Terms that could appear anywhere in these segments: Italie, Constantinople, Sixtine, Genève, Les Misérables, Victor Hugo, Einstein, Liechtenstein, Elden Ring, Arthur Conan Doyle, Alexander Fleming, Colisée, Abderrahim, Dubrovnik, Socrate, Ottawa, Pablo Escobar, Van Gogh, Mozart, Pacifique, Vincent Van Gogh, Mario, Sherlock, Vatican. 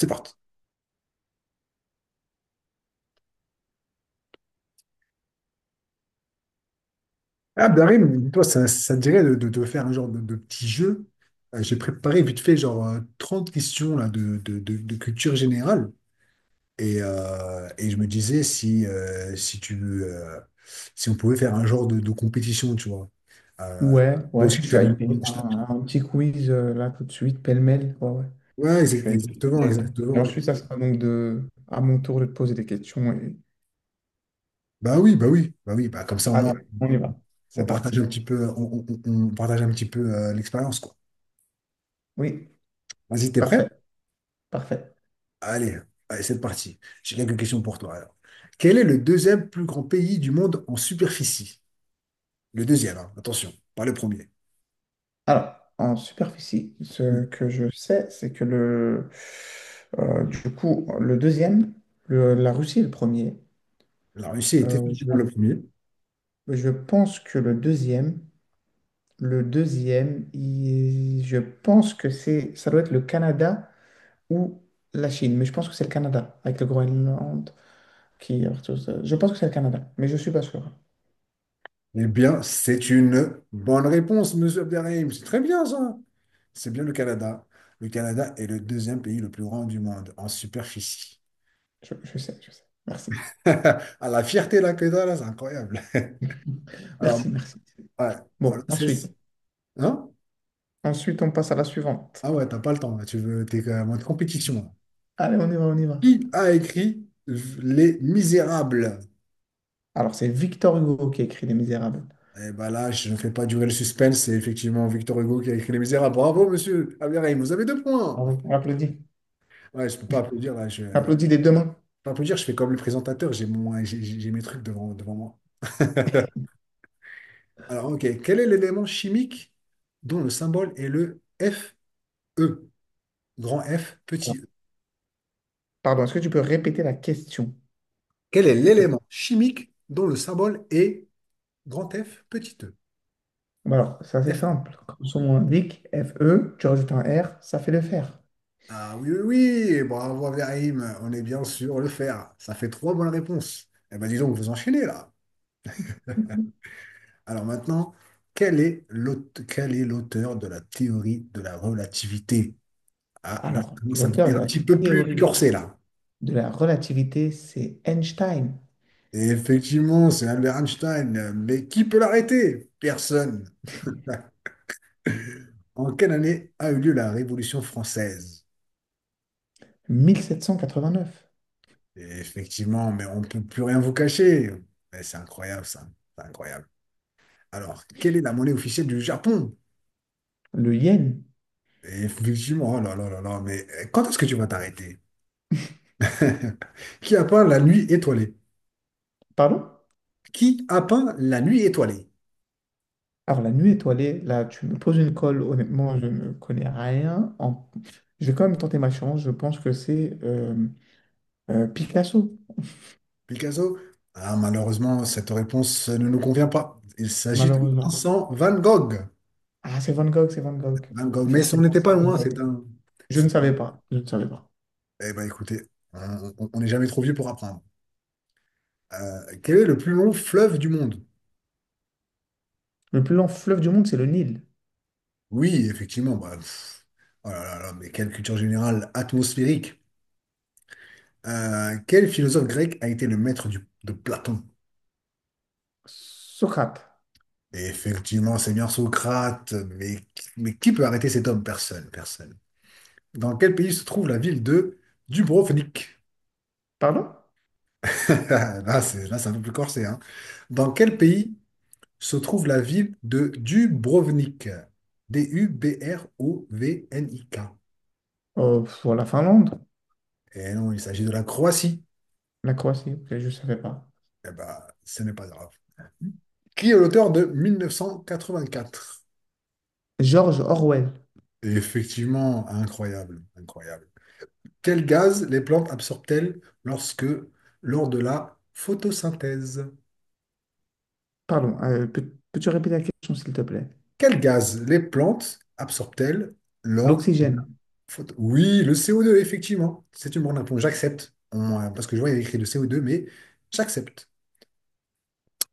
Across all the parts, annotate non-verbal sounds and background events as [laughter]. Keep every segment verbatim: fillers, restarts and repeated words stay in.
C'est parti. Ah, Darim, toi, ça, ça te dirait de, de, de, faire un genre de, de petit jeu. Euh, j'ai préparé vite fait genre euh, trente questions là, de, de, de, de culture générale. Et, euh, et je me disais si, euh, si tu euh, si on pouvait faire un genre de, de compétition, tu vois. Euh, Ouais, Toi ouais, aussi, je tu suis t'avais. hypé je par t'avais- un, un petit quiz euh, là tout de suite, pêle-mêle. Ouais, ouais, Ouais, je exa- suis exactement, hypé. Et exactement. ensuite, ça sera donc de, à mon tour de te poser des questions. et- Bah oui, bah oui, bah oui, bah comme ça au Allez, moins on y va. C'est on partage un parti. petit peu, on, on- on- on partage un petit peu euh, l'expérience, quoi. Oui, Vas-y, t'es prêt? parfait, parfait. Allez, allez, c'est parti. J'ai quelques questions pour toi alors. Quel est le deuxième plus grand pays du monde en superficie? Le deuxième, hein, attention, pas le premier. Alors, en superficie, Mm. ce que je sais, c'est que le, euh, du coup, le deuxième, le- la Russie est le premier. La Russie est Euh, je, effectivement le premier. je pense que le deuxième, le deuxième, il- je pense que c'est, ça doit être le Canada, ou la Chine, mais je pense que c'est le Canada, avec le Groenland qui est partout. Je pense que c'est le Canada, mais je ne suis pas sûr. Eh bien, c'est une bonne réponse, monsieur Abderrahim. C'est très bien ça. C'est bien le Canada. Le Canada est le deuxième pays le plus grand du monde en superficie. Je, je sais, je sais. Merci. [laughs] À la fierté là que t'as, là, c'est incroyable. [laughs] Alors, Merci, merci. ouais, bon, là, Bon, ensuite. celle-ci. Hein? Ensuite, on passe à la suivante. Ah ouais, t'as pas le temps, là. Tu veux, t'es quand même en compétition là. Allez, on y va, on y va. Qui a écrit Les Misérables? Alors, c'est Victor Hugo qui a écrit Les Misérables. Eh ben là, je ne fais pas durer le suspense, c'est effectivement Victor Hugo qui a écrit Les Misérables. Bravo, monsieur Abderrahim, vous avez deux points. Bravo. On applaudit. Ouais, je peux pas applaudir là, je On je applaudit des deux mains. peux pas applaudir, je fais comme le présentateur, j'ai mon, j'ai j'ai- j'ai mes trucs devant, devant moi. Alors, ok, quel est l'élément chimique dont le symbole est le Fe? Grand F, petit E. Pardon, est-ce que tu peux répéter la question, Quel est s'il te plaît? l'élément chimique dont le symbole est grand F, petit E? Bon, alors, c'est assez Fe. simple. Comme son nom l'indique, F E, tu rajoutes un R, ça fait le fer. Ah oui, oui, oui, bravo Ibrahim, on est bien sûr le faire. Ça fait trois bonnes réponses. Eh bien, disons que vous enchaînez là. Alors maintenant, quel est l'aute- quel est l'auteur de la théorie de la relativité? Ah, là, ça Alors, commence à l'auteur devenir de un la petit peu plus théorie corsé là. de la relativité, c'est Einstein, Et effectivement, c'est Albert Einstein, mais qui peut l'arrêter? Personne. En quelle année a eu lieu la Révolution française? mille sept cent quatre-vingt-neuf. Et effectivement, mais on ne peut plus rien vous cacher. Mais c'est incroyable ça. C'est incroyable. Alors, quelle est la monnaie officielle du Japon? Le yen. Et effectivement, oh là là là là, mais euh, quand est-ce que tu vas t'arrêter? [laughs] Qui a peint la nuit étoilée? Pardon? Qui a peint la nuit étoilée? Alors, la nuit étoilée, là, tu me poses une colle, honnêtement, je ne connais rien. En- Je vais quand même tenter ma chance. Je pense que c'est euh, euh, Picasso, Picasso? Ah, malheureusement, cette réponse ne nous convient pas. Il s'agit de malheureusement. Vincent Van Gogh. Ah, c'est Van Gogh, c'est Van Gogh. Van Gogh, mais on Effectivement, n'était c'est pas Van loin. c'est Gogh. un... Je c'est ne un- savais pas. Je ne savais pas. Eh ben écoutez, on on- on n'est jamais trop vieux pour apprendre. Euh, quel est le plus long fleuve du monde? Le plus long fleuve du monde, c'est le Nil. Oui, effectivement, bah, pff, oh là là là, mais quelle culture générale atmosphérique. Euh, quel philosophe grec a été le maître du- de Platon? Socrate. Et effectivement, c'est bien Socrate, mais, mais qui peut arrêter cet homme? Personne, personne. Dans quel pays se trouve la ville de Dubrovnik? Pardon? [laughs] Là, c'est, là, c'est un peu plus corsé, hein. Dans quel pays se trouve la ville de Dubrovnik? D U B R O V N I K. Euh, pff, la Finlande, Et non, il s'agit de la Croatie. la Croatie, ok, je ne savais pas. Eh ben, ce n'est pas grave. Qui est l'auteur de mille neuf cent quatre-vingt-quatre? George Orwell. Effectivement, incroyable, incroyable. Quel gaz les plantes absorbent-elles lorsque, lors de la photosynthèse? Pardon, euh, peux, tu répéter la question, s'il te plaît? Quel gaz les plantes absorbent-elles lors... L'oxygène, photo- Oui, le C O deux, effectivement. C'est une bonne réponse. J'accepte. On- euh, Parce que je vois, il y a écrit le C O deux, mais j'accepte.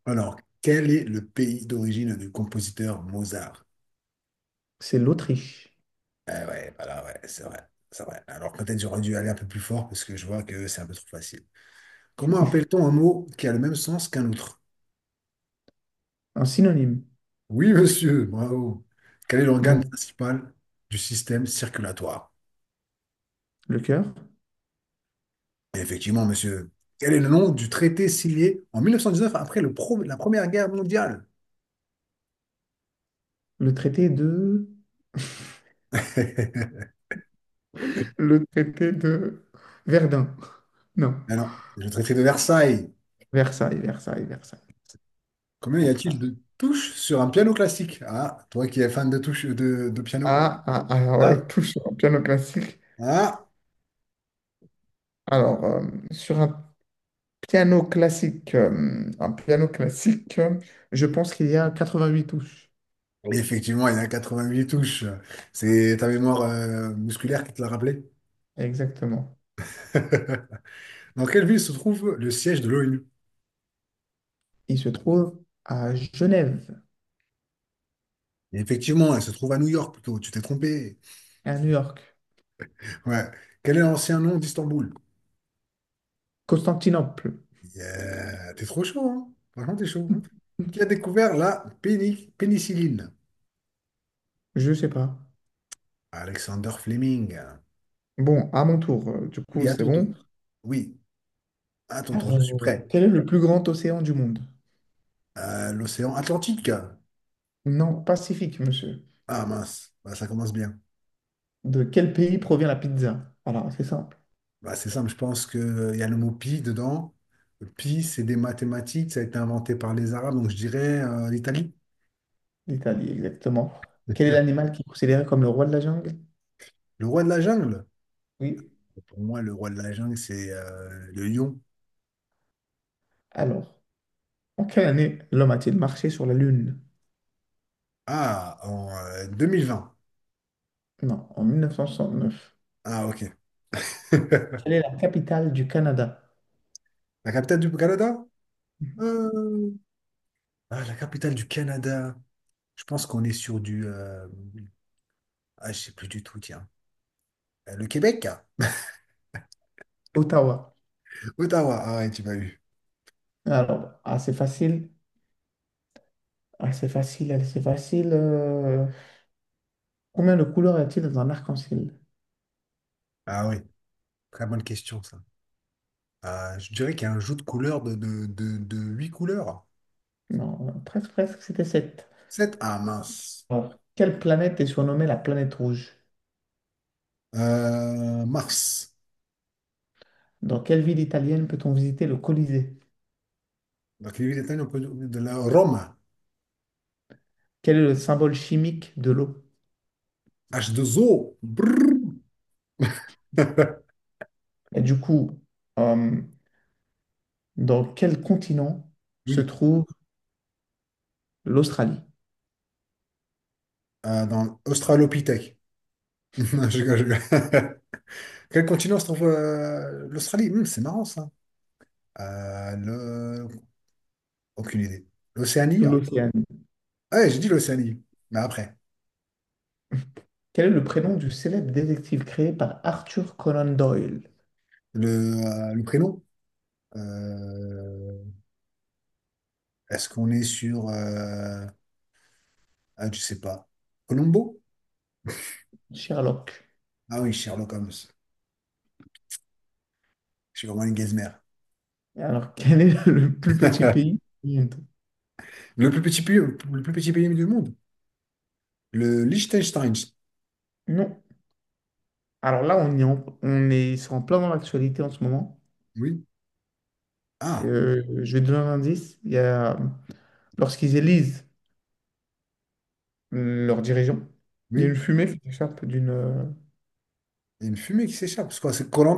Alors, quel est le pays d'origine du compositeur Mozart? c'est l'Autriche. Eh ouais, voilà, ouais, c'est vrai. C'est vrai. Alors, peut-être j'aurais dû aller un peu plus fort parce que je vois que c'est un peu trop facile. Comment appelle-t-on un mot qui a le même sens qu'un autre? Un synonyme. Oui, monsieur, bravo. Quel est l'organe Bon, principal du système circulatoire? le cœur, Effectivement, monsieur. Quel est le nom du traité signé en mille neuf cent dix-neuf après le pro- la Première Guerre mondiale? le traité de... [laughs] [laughs] Le traité de Verdun. Non, Alors, le traité de Versailles. Versailles, Versailles, Versailles. Combien y a-t-il Versailles. de touches sur un piano classique? Ah, toi qui es fan de touches de, de piano. Ah, ah, ah, Ah, ouais, tout sur un piano classique. ah. Alors, euh, sur un piano classique, euh, un piano classique, euh, je pense qu'il y a quatre-vingt-huit touches. Oui, effectivement, il y a quatre-vingt-huit touches. C'est ta mémoire euh, musculaire qui te l'a rappelé. Exactement. [laughs] Dans quelle ville se trouve le siège de l'ONU? Il se trouve à Genève, Et effectivement, elle se trouve à New York plutôt. Tu t'es trompé. à New York, Ouais. Quel est l'ancien nom d'Istanbul? Constantinople. Yeah. T'es trop chaud, hein? Franchement, t'es chaud. Qui a découvert la péni- pénicilline? Je sais pas. Alexander Fleming. Bon, à mon tour, euh, du Oui, coup, à c'est ton tour. bon. Oui, à ton tour, Alors, je suis euh, prêt. quel est le plus grand océan du monde? Euh, l'océan Atlantique. Non, Pacifique, monsieur. Ah mince, bah, ça commence bien. De quel pays provient la pizza? Alors, c'est simple. Bah, c'est simple, je pense qu'il y a le mot pi dedans. Le Pi, c'est des mathématiques, ça a été inventé par les Arabes, donc je dirais euh, l'Italie. L'Italie, exactement. Quel est [laughs] l'animal qui est considéré comme le roi de la jungle? Le roi de la jungle. Oui. Pour moi, le roi de la jungle, c'est euh, le lion. Alors, en quelle année l'homme a-t-il marché sur la Lune? Ah, en euh, deux mille vingt. Non, en mille neuf cent neuf. Ah, ok. [laughs] Quelle est la capitale du Canada? La capitale du Canada? Euh, Ah, la capitale du Canada. Je pense qu'on est sur du... euh, Ah, je sais plus du tout, tiens. Euh, Le Québec? Ottawa. Ottawa. Ah ouais, tu m'as eu. Alors, assez facile. Assez facile, assez facile. euh, Combien de couleurs y a-t-il dans un arc-en-ciel? Ah oui, très bonne question, ça. Ah, je dirais qu'il y a un jeu de couleurs de, de, de, de huit couleurs. Non, euh, presque, presque, c'était sept. Sept. Ah, mince. Ah. Quelle planète est surnommée la planète rouge? Euh, Mars. Dans quelle ville italienne peut-on visiter le Colisée? Donc, les huit étoiles, on peut- de la Rome. Quel est le symbole chimique de l'eau? H deux O. Brrr. [laughs] Et du coup, euh, dans quel continent se Oui, trouve l'Australie? euh, dans l'Australopithèque. [laughs] Non, je rigole, je rigole. [laughs] Quel continent se trouve euh, l'Australie? Hmm, c'est marrant ça. Euh, le- Aucune idée. L'Océanie? Hein. L'Océanie. Ouais, j'ai dit l'Océanie. Mais après, Quel est le prénom du célèbre détective créé par Arthur Conan Doyle? le, euh, le prénom? euh, Est-ce qu'on est sur... euh, Ah, je sais pas. Colombo? Sherlock. Ah oui, Sherlock Holmes. Je suis vraiment une gazmère. Et alors, [laughs] quel est le plus petit [laughs] pays du monde? Le plus petit pays, le plus petit pays du monde? Le Liechtenstein. Non. Alors là, on est en, on est, c'est en plein dans l'actualité en ce moment. Oui. Ah, Euh, je vais te donner un indice. Il y a lorsqu'ils élisent leurs dirigeants, il y a une oui. fumée qui s'échappe d'une euh, Il y a une fumée qui s'échappe. C'est quoi? C'est koh. [laughs]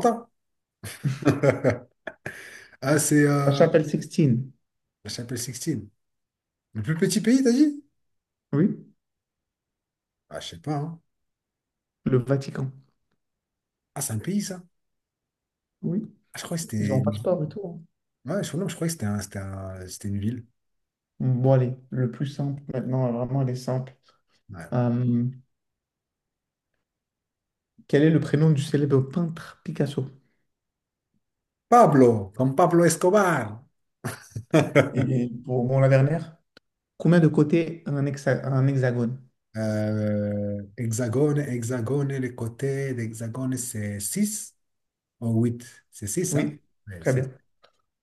Ah, c'est... la Euh... chapelle Sixtine, La chapelle Sixtine. Le plus petit pays, t'as dit? oui, Ah, je sais pas, hein. le Vatican, Ah, c'est un pays, ça? oui, Ah, je crois que ils c'était ont un une ville. passeport et tout, hein. Ouais, je, non, je crois que c'était un- c'était un- c'était une ville. Bon, allez, le plus simple maintenant, vraiment, elle est simple. Ouais. Euh, quel est le prénom du célèbre peintre Picasso? Pablo, comme Pablo Escobar. Et pour bon, la dernière, combien de côtés a un, hexa- un hexagone? Euh, hexagone, hexagone, les côtés d'hexagone, c'est six ou huit. C'est six hein? Oui, Ouais, très c'est bien.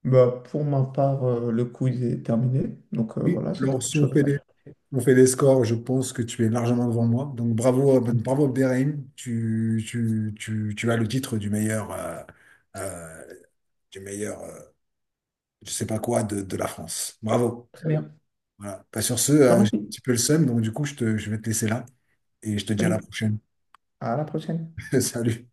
Bah, pour ma part, euh, le quiz est terminé. Donc euh, oui. voilà, c'était Alors, autre si on chose à fait des, rajouter. on fait des scores, je pense que tu es largement devant moi. Donc, bravo, euh, ben, bravo Abderrahim. Tu, tu, tu, tu as le titre du meilleur, euh, euh, du meilleur. euh, je sais pas quoi de, de la France. Bravo. Très bien. Voilà. Bah, sur ce, Je te euh, j'ai un remercie. petit peu le seum, donc du coup, je te- je vais te laisser là et je te dis à la Salut. prochaine. À la prochaine. [laughs] Salut.